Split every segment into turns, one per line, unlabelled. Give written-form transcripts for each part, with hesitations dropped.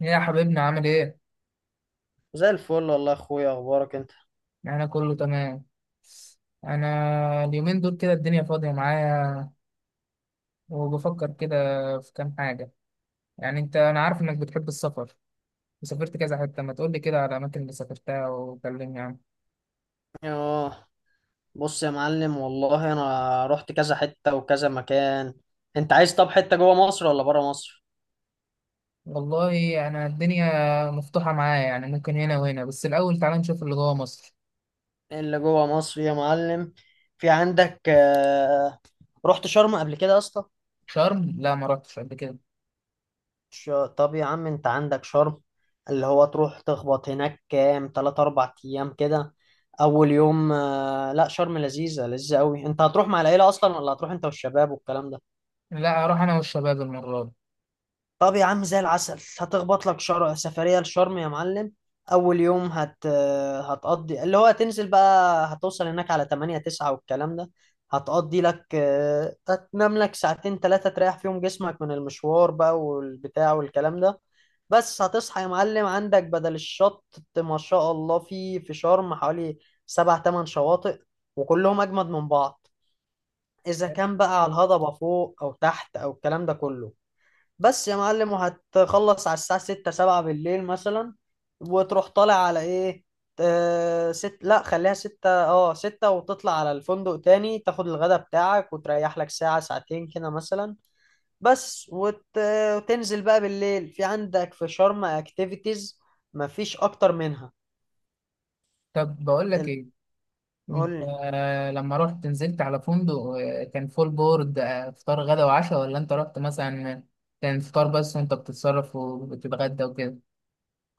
يا حبيبنا عامل ايه؟
زي الفل والله يا اخويا، اخبارك انت؟
انا كله تمام. انا اليومين دول كده الدنيا فاضية معايا وبفكر كده في كام حاجة. يعني انت، انا عارف انك بتحب السفر وسافرت كذا حتة، ما تقولي كده على الاماكن اللي سافرتها وكلمني عنها.
اه، بص يا معلم، والله انا رحت كذا حتة وكذا مكان. انت عايز؟ طب حتة جوه مصر ولا بره مصر؟
والله انا الدنيا مفتوحة معايا، يعني ممكن هنا وهنا، بس الاول تعالى نشوف اللي جوه مصر.
اللي جوه مصر يا معلم. في عندك، رحت شرم قبل كده يا اسطى؟
شرم لا، ما رحتش قبل كده.
ش- طب يا عم، انت عندك شرم اللي هو تروح تخبط هناك كام تلات اربع ايام كده. اول يوم، لا، شرم لذيذة لذيذة قوي. انت هتروح مع العيلة اصلا ولا هتروح انت والشباب والكلام ده؟
لا، اروح انا والشباب المرة دي.
طب يا عم زي العسل. هتخبط لك سفرية لشرم يا معلم. أول يوم هتقضي اللي هو هتنزل بقى. هتوصل هناك على 8 9 والكلام ده. هتقضي لك، هتنام لك ساعتين ثلاثة تريح فيهم جسمك من المشوار بقى والبتاع والكلام ده. بس هتصحى يا معلم، عندك بدل الشط. ما شاء الله، في شرم حوالي سبع تمن شواطئ، وكلهم أجمد من بعض، إذا كان بقى على الهضبة فوق أو تحت أو الكلام ده كله. بس يا معلم، وهتخلص على الساعة ستة سبعة بالليل مثلا، وتروح طالع على ايه؟ ست، لا خليها ستة، اه ستة، وتطلع على الفندق تاني، تاخد الغدا بتاعك وتريح لك ساعة ساعتين كده مثلا. بس، وتنزل بقى بالليل، في عندك في شرم اكتيفيتيز، مفيش اكتر منها.
طب بقول لك
ال-
ايه،
قول
انت
لي.
لما رحت نزلت على فندق، كان فول بورد، فطار غدا وعشاء، ولا انت رحت مثلا كان فطار بس وانت بتتصرف وبتتغدى وكده؟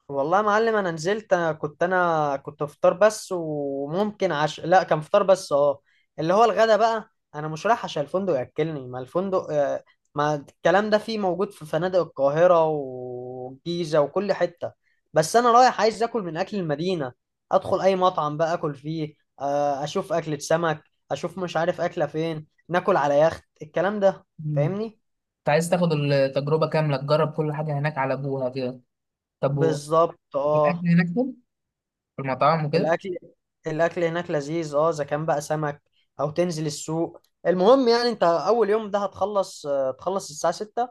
والله يا معلم انا نزلت، أنا كنت فطار بس، وممكن عشاء، لا كان فطار بس اه. اللي هو الغدا بقى، انا مش رايح عشان الفندق ياكلني، ما الفندق، ما الكلام ده فيه موجود في فنادق القاهرة والجيزة وكل حتة. بس انا رايح عايز اكل من اكل المدينة، ادخل اي مطعم بقى اكل فيه، اشوف اكلة سمك، اشوف مش عارف اكلة فين، ناكل على يخت، الكلام ده.
مم.
فاهمني؟
كنت عايز تاخد التجربة كاملة، تجرب كل حاجة هناك على ابوها كده. طب
بالظبط
الاكل
اه.
هناك حلو؟ في المطاعم وكده.
الاكل الاكل هناك لذيذ، اذا كان بقى سمك، او تنزل السوق. المهم يعني انت اول يوم ده هتخلص، تخلص الساعه 6،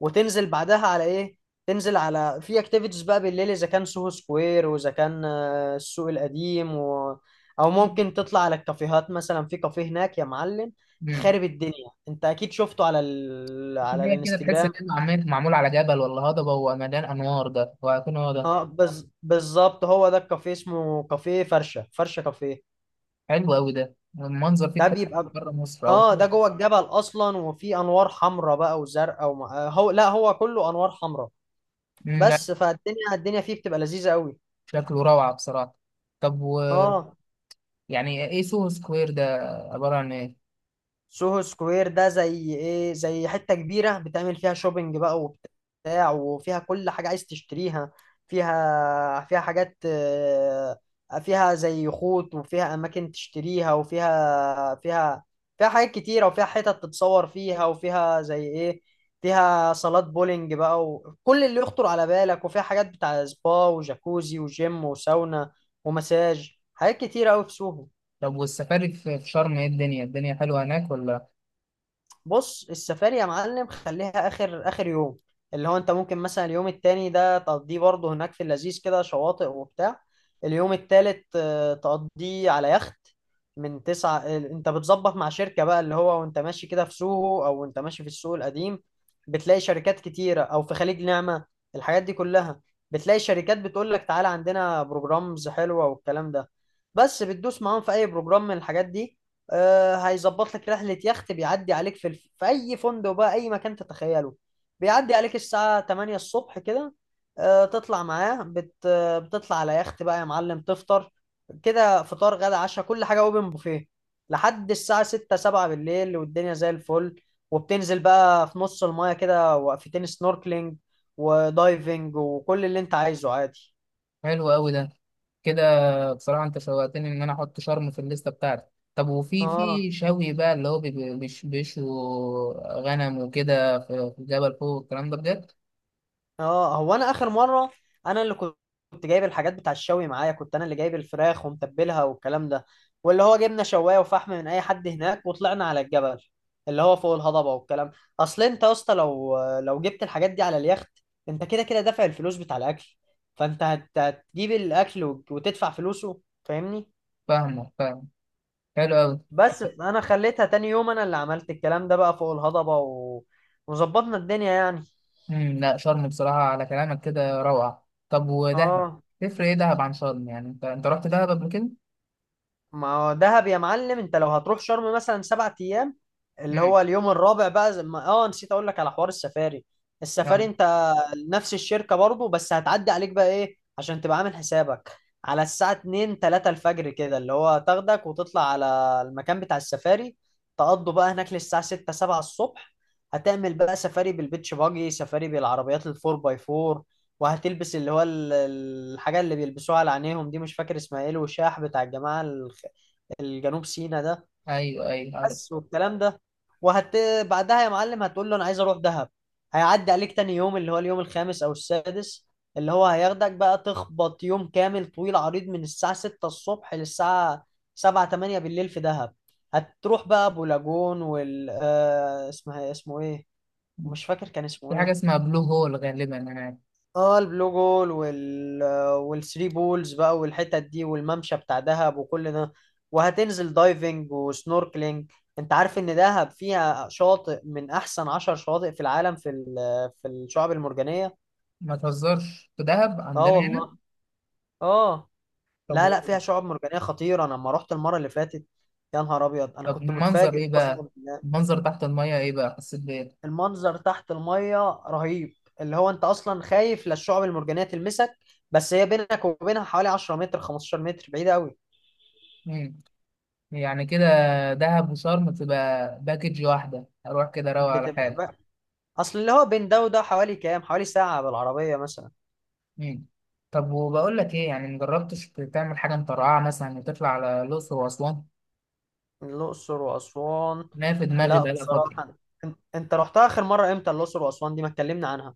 وتنزل بعدها على ايه؟ تنزل على في اكتيفيتيز بقى بالليل، اذا كان سوهو سكوير واذا كان السوق القديم، او ممكن تطلع على الكافيهات مثلا. في كافيه هناك يا معلم
امم
خارب الدنيا، انت اكيد شفته على على
هي كده تحس
الانستجرام.
ان هي معمول على جبل ولا هضبة ومليان انوار ده، وهيكون هو ده؟
اه، بالظبط، هو ده الكافيه، اسمه كافيه فرشة فرشة كافيه.
حلو قوي ده، المنظر فيه
ده
تحس
بيبقى
بره مصر او
اه، ده
بره.
جوه الجبل اصلا، وفي انوار حمراء بقى وزرقاء وم... آه، هو، لا هو كله انوار حمراء،
مم، لا
بس فالدنيا الدنيا فيه بتبقى لذيذة قوي.
شكله روعة بصراحة. طب
اه،
يعني ايه سوهو سكوير ده؟ عبارة عن ايه؟
سوهو سكوير ده زي ايه؟ زي حتة كبيرة بتعمل فيها شوبينج بقى وبتاع، وفيها كل حاجة عايز تشتريها، فيها حاجات، فيها زي خوط وفيها أماكن تشتريها، وفيها فيها فيها حاجات كتيرة، وفيها حتت تتصور فيها، وفيها زي ايه، فيها صالات بولينج بقى وكل اللي يخطر على بالك، وفيها حاجات بتاع سبا وجاكوزي وجيم وساونا ومساج، حاجات كتيرة أوي في سوهو.
طب والسفاري في شرم، ايه الدنيا الدنيا حلوة هناك ولا؟
بص السفاري يا معلم، خليها اخر اخر يوم، اللي هو انت ممكن مثلا اليوم التاني ده تقضيه برضه هناك في اللذيذ كده، شواطئ وبتاع. اليوم التالت، تقضيه على يخت، من 9، انت بتظبط مع شركة بقى، اللي هو وانت ماشي كده في سوهو او وانت ماشي في السوق القديم بتلاقي شركات كتيرة، او في خليج نعمة، الحاجات دي كلها بتلاقي شركات بتقول لك تعالى عندنا بروجرامز حلوة والكلام ده. بس بتدوس معاهم في اي بروجرام من الحاجات دي، هيظبط لك رحلة يخت، بيعدي عليك في أي فندق بقى، أي مكان تتخيله، بيعدي عليك الساعة 8 الصبح كده، تطلع معاه بت... آه، بتطلع على يخت بقى يا معلم، تفطر كده، فطار غدا عشاء كل حاجة اوبن بوفيه، لحد الساعة 6 7 بالليل، والدنيا زي الفل. وبتنزل بقى في نص المايه كده، وقفتين سنوركلينج ودايفنج وكل اللي انت عايزه عادي.
حلو قوي ده كده. بصراحة انت شوقتني ان انا احط شرم في الليستة بتاعتي. طب وفي
اه،
في شوي بقى، اللي هو بيشوا غنم وكده في الجبل فوق والكلام ده بجد؟
اه، هو انا اخر مره، انا اللي كنت جايب الحاجات بتاع الشوي معايا، كنت انا اللي جايب الفراخ ومتبلها والكلام ده، واللي هو جبنا شوايه وفحم من اي حد هناك، وطلعنا على الجبل اللي هو فوق الهضبه والكلام. اصل انت يا اسطى، لو جبت الحاجات دي على اليخت، انت كده كده دافع الفلوس بتاع الاكل، فانت هتجيب الاكل وتدفع فلوسه. فاهمني؟
فاهم حلو قوي.
بس انا خليتها تاني يوم، انا اللي عملت الكلام ده بقى فوق الهضبه، وظبطنا الدنيا يعني.
لا، شرم بصراحة على كلامك كده روعة. طب ودهب،
اه.
تفرق ايه دهب عن شرم؟ يعني انت رحت دهب قبل كده؟
ما هو دهب يا معلم، انت لو هتروح شرم مثلا 7 ايام، اللي
امم
هو اليوم الرابع بقى زي ما، نسيت اقول لك على حوار السفاري. السفاري،
يلا.
انت نفس الشركة برضو، بس هتعدي عليك بقى ايه عشان تبقى عامل حسابك على الساعة 2 3 الفجر كده، اللي هو تاخدك وتطلع على المكان بتاع السفاري، تقضوا بقى هناك للساعة 6 7 الصبح. هتعمل بقى سفاري بالبيتش باجي، سفاري بالعربيات الفور باي فور، وهتلبس اللي هو الحاجة اللي بيلبسوها على عينيهم دي، مش فاكر اسمها ايه، الوشاح بتاع الجماعة الجنوب سينا ده،
ايوه ايوه، عارف.
بس والكلام ده. وهت بعدها يا معلم هتقول له انا عايز اروح دهب، هيعدي عليك تاني يوم اللي هو اليوم الخامس او السادس، اللي هو هياخدك بقى تخبط يوم كامل طويل عريض من الساعة 6 الصبح للساعة 7 8 بالليل في دهب. هتروح بقى ابو لاجون، وال آه، اسمها اسمه ايه، مش فاكر كان اسمه
في حاجة
ايه.
اسمها بلو هول غالبا يعني.
اه، البلو جول، والثري بولز بقى والحتت دي والممشى بتاع دهب وكل ده، وهتنزل دايفنج وسنوركلينج. انت عارف ان دهب فيها شاطئ من احسن 10 شواطئ في العالم، في في الشعاب المرجانية.
ما تهزرش، في دهب
اه
عندنا هنا.
والله. اه،
طب،
لا لا، فيها شعاب مرجانية خطيرة، انا لما رحت المرة اللي فاتت، يا نهار ابيض، انا
طب
كنت
المنظر
متفاجئ
ايه
قسما
بقى؟
بالله.
المنظر تحت المية ايه بقى، حسيت بايه؟
المنظر تحت المية رهيب، اللي هو انت اصلا خايف لا الشعب المرجانية تلمسك، بس هي بينك وبينها حوالي 10 متر 15 متر، بعيدة قوي.
مم. يعني كده دهب وشرم تبقى باكج واحدة، اروح كده اروق على
بتبقى
حالي.
بقى. اصل اللي هو بين ده وده حوالي كام، حوالي ساعة بالعربية مثلا.
مم. طب وبقول لك ايه، يعني مجربتش تعمل حاجة مطرقعة مثلا وتطلع على الأقصر وأسوان؟
الأقصر وأسوان.
ما في دماغي
لا
بقالها فترة.
بصراحة، انت رحتها آخر مرة امتى؟ الأقصر وأسوان دي ما اتكلمنا عنها.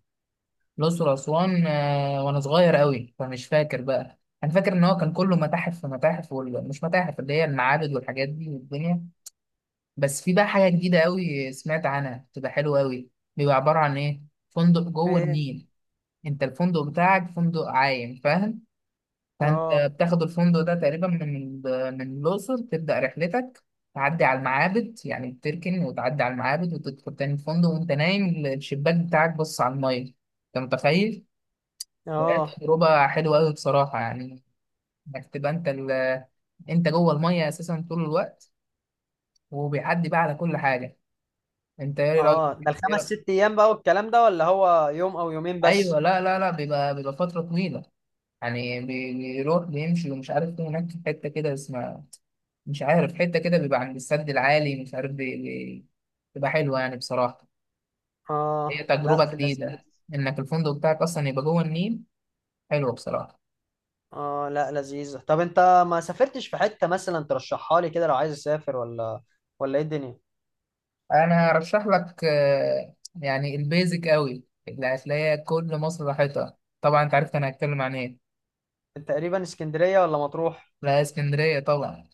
الأقصر وأسوان وأنا صغير أوي، فمش فاكر بقى. أنا فاكر إن هو كان كله متاحف في متاحف مش متاحف، اللي هي المعابد والحاجات دي والدنيا. بس في بقى حاجة جديدة أوي سمعت عنها، بتبقى حلوة أوي. بيبقى عبارة عن إيه؟ فندق جوه
ايه؟
النيل. أنت الفندق بتاعك فندق عايم، فاهم؟ فأنت
اه
بتاخد الفندق ده تقريبا من، من الأقصر تبدأ رحلتك. تعدي على المعابد، يعني بتركن وتعدي على المعابد وتدخل تاني الفندق، وأنت نايم الشباك بتاعك بص على المية. أنت متخيل؟ وهي
اه
تجربة حلوة أوي بصراحة، يعني إنك تبقى أنت أنت جوه المية أساسا طول الوقت، وبيعدي بقى على كل حاجة. أنت إيه رأيك؟
اه، ده
إيه
الخمس
رأيك؟
ست ايام بقى والكلام ده ولا هو يوم او يومين
أيوه.
بس؟
لا لا لا، بيبقى فترة طويلة. يعني بيروح بيمشي، ومش عارف فين هناك في حتة كده اسمها، مش عارف حتة كده، بيبقى عند السد العالي، مش عارف بتبقى حلوة يعني بصراحة. هي
اه، لا
تجربة
في اللذيذ.
جديدة، إنك الفندق بتاعك أصلا يبقى جوه النيل. حلوة بصراحة.
اه، لا لذيذة. طب انت ما سافرتش في حتة مثلا ترشحها لي كده لو عايز اسافر، ولا ايه الدنيا؟
انا هرشح لك، يعني البيزك قوي اللي هتلاقيها، كل مصر راحتها طبعا. انت عرفت انا هتكلم عن ايه.
انت تقريبا اسكندرية ولا مطروح؟
لا، اسكندريه طبعا.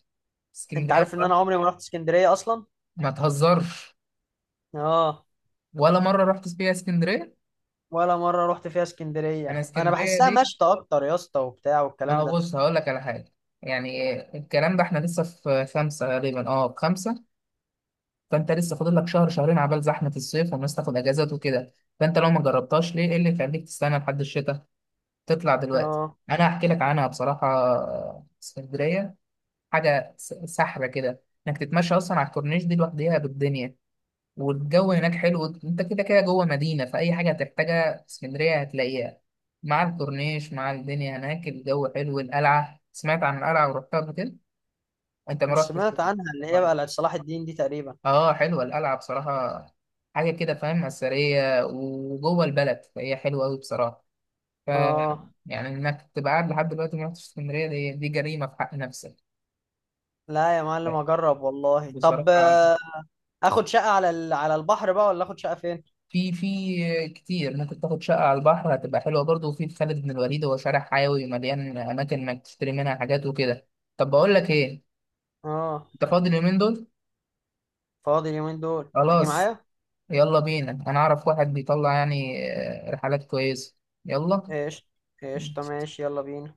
انت
اسكندريه
عارف ان انا
بقى.
عمري ما رحت اسكندرية اصلا.
ما تهزرش،
اه،
ولا مره رحت فيها اسكندريه.
ولا مرة رحت فيها
انا
اسكندرية، انا
اسكندريه
بحسها
دي،
مشتى اكتر يا اسطى وبتاع
ما
والكلام
هو
ده.
بص هقول لك على حاجه. يعني الكلام ده احنا لسه في خمسه غالبا، اه في خمسه. فانت لسه فاضل لك شهر شهرين عبال زحمه الصيف والناس تاخد اجازات وكده. فانت لو ما جربتهاش، ليه؟ ايه اللي يخليك تستنى لحد الشتاء؟ تطلع دلوقتي.
اه،
انا هحكي لك عنها بصراحه، اسكندريه حاجه سحره كده، انك تتمشى اصلا على الكورنيش دي لوحديها بالدنيا. والجو هناك حلو، انت كده كده جوه مدينه، فاي حاجه هتحتاجها في اسكندريه هتلاقيها. مع الكورنيش، مع الدنيا هناك، الجو حلو. القلعه، سمعت عن القلعه ورحتها قبل كده؟ انت ما رحتش.
سمعت عنها، اللي هي
اه،
بقى بتاعت صلاح الدين دي تقريبا.
حلوه القلعه بصراحه. حاجه كده فاهم، اثريه وجوه البلد، فهي حلوه قوي بصراحه. ف
اه،
يعني انك تبقى قاعد لحد دلوقتي ما رحتش اسكندريه، دي جريمه في حق نفسك.
لا يا معلم
لا،
اجرب والله. طب،
بصراحه
اخد شقة على على البحر بقى، ولا اخد شقة فين؟
في كتير. ممكن تاخد شقه على البحر، هتبقى حلوه برضه. وفي خالد بن الوليد، هو شارع حيوي مليان اماكن انك تشتري منها حاجات وكده. طب بقول لك ايه،
اه،
انت فاضي اليومين دول؟
فاضي اليومين دول، تيجي
خلاص،
معايا؟
يلا بينا. انا اعرف واحد بيطلع يعني رحلات كويسه. يلا
ايش؟ ايش؟ طب ماشي، يلا بينا.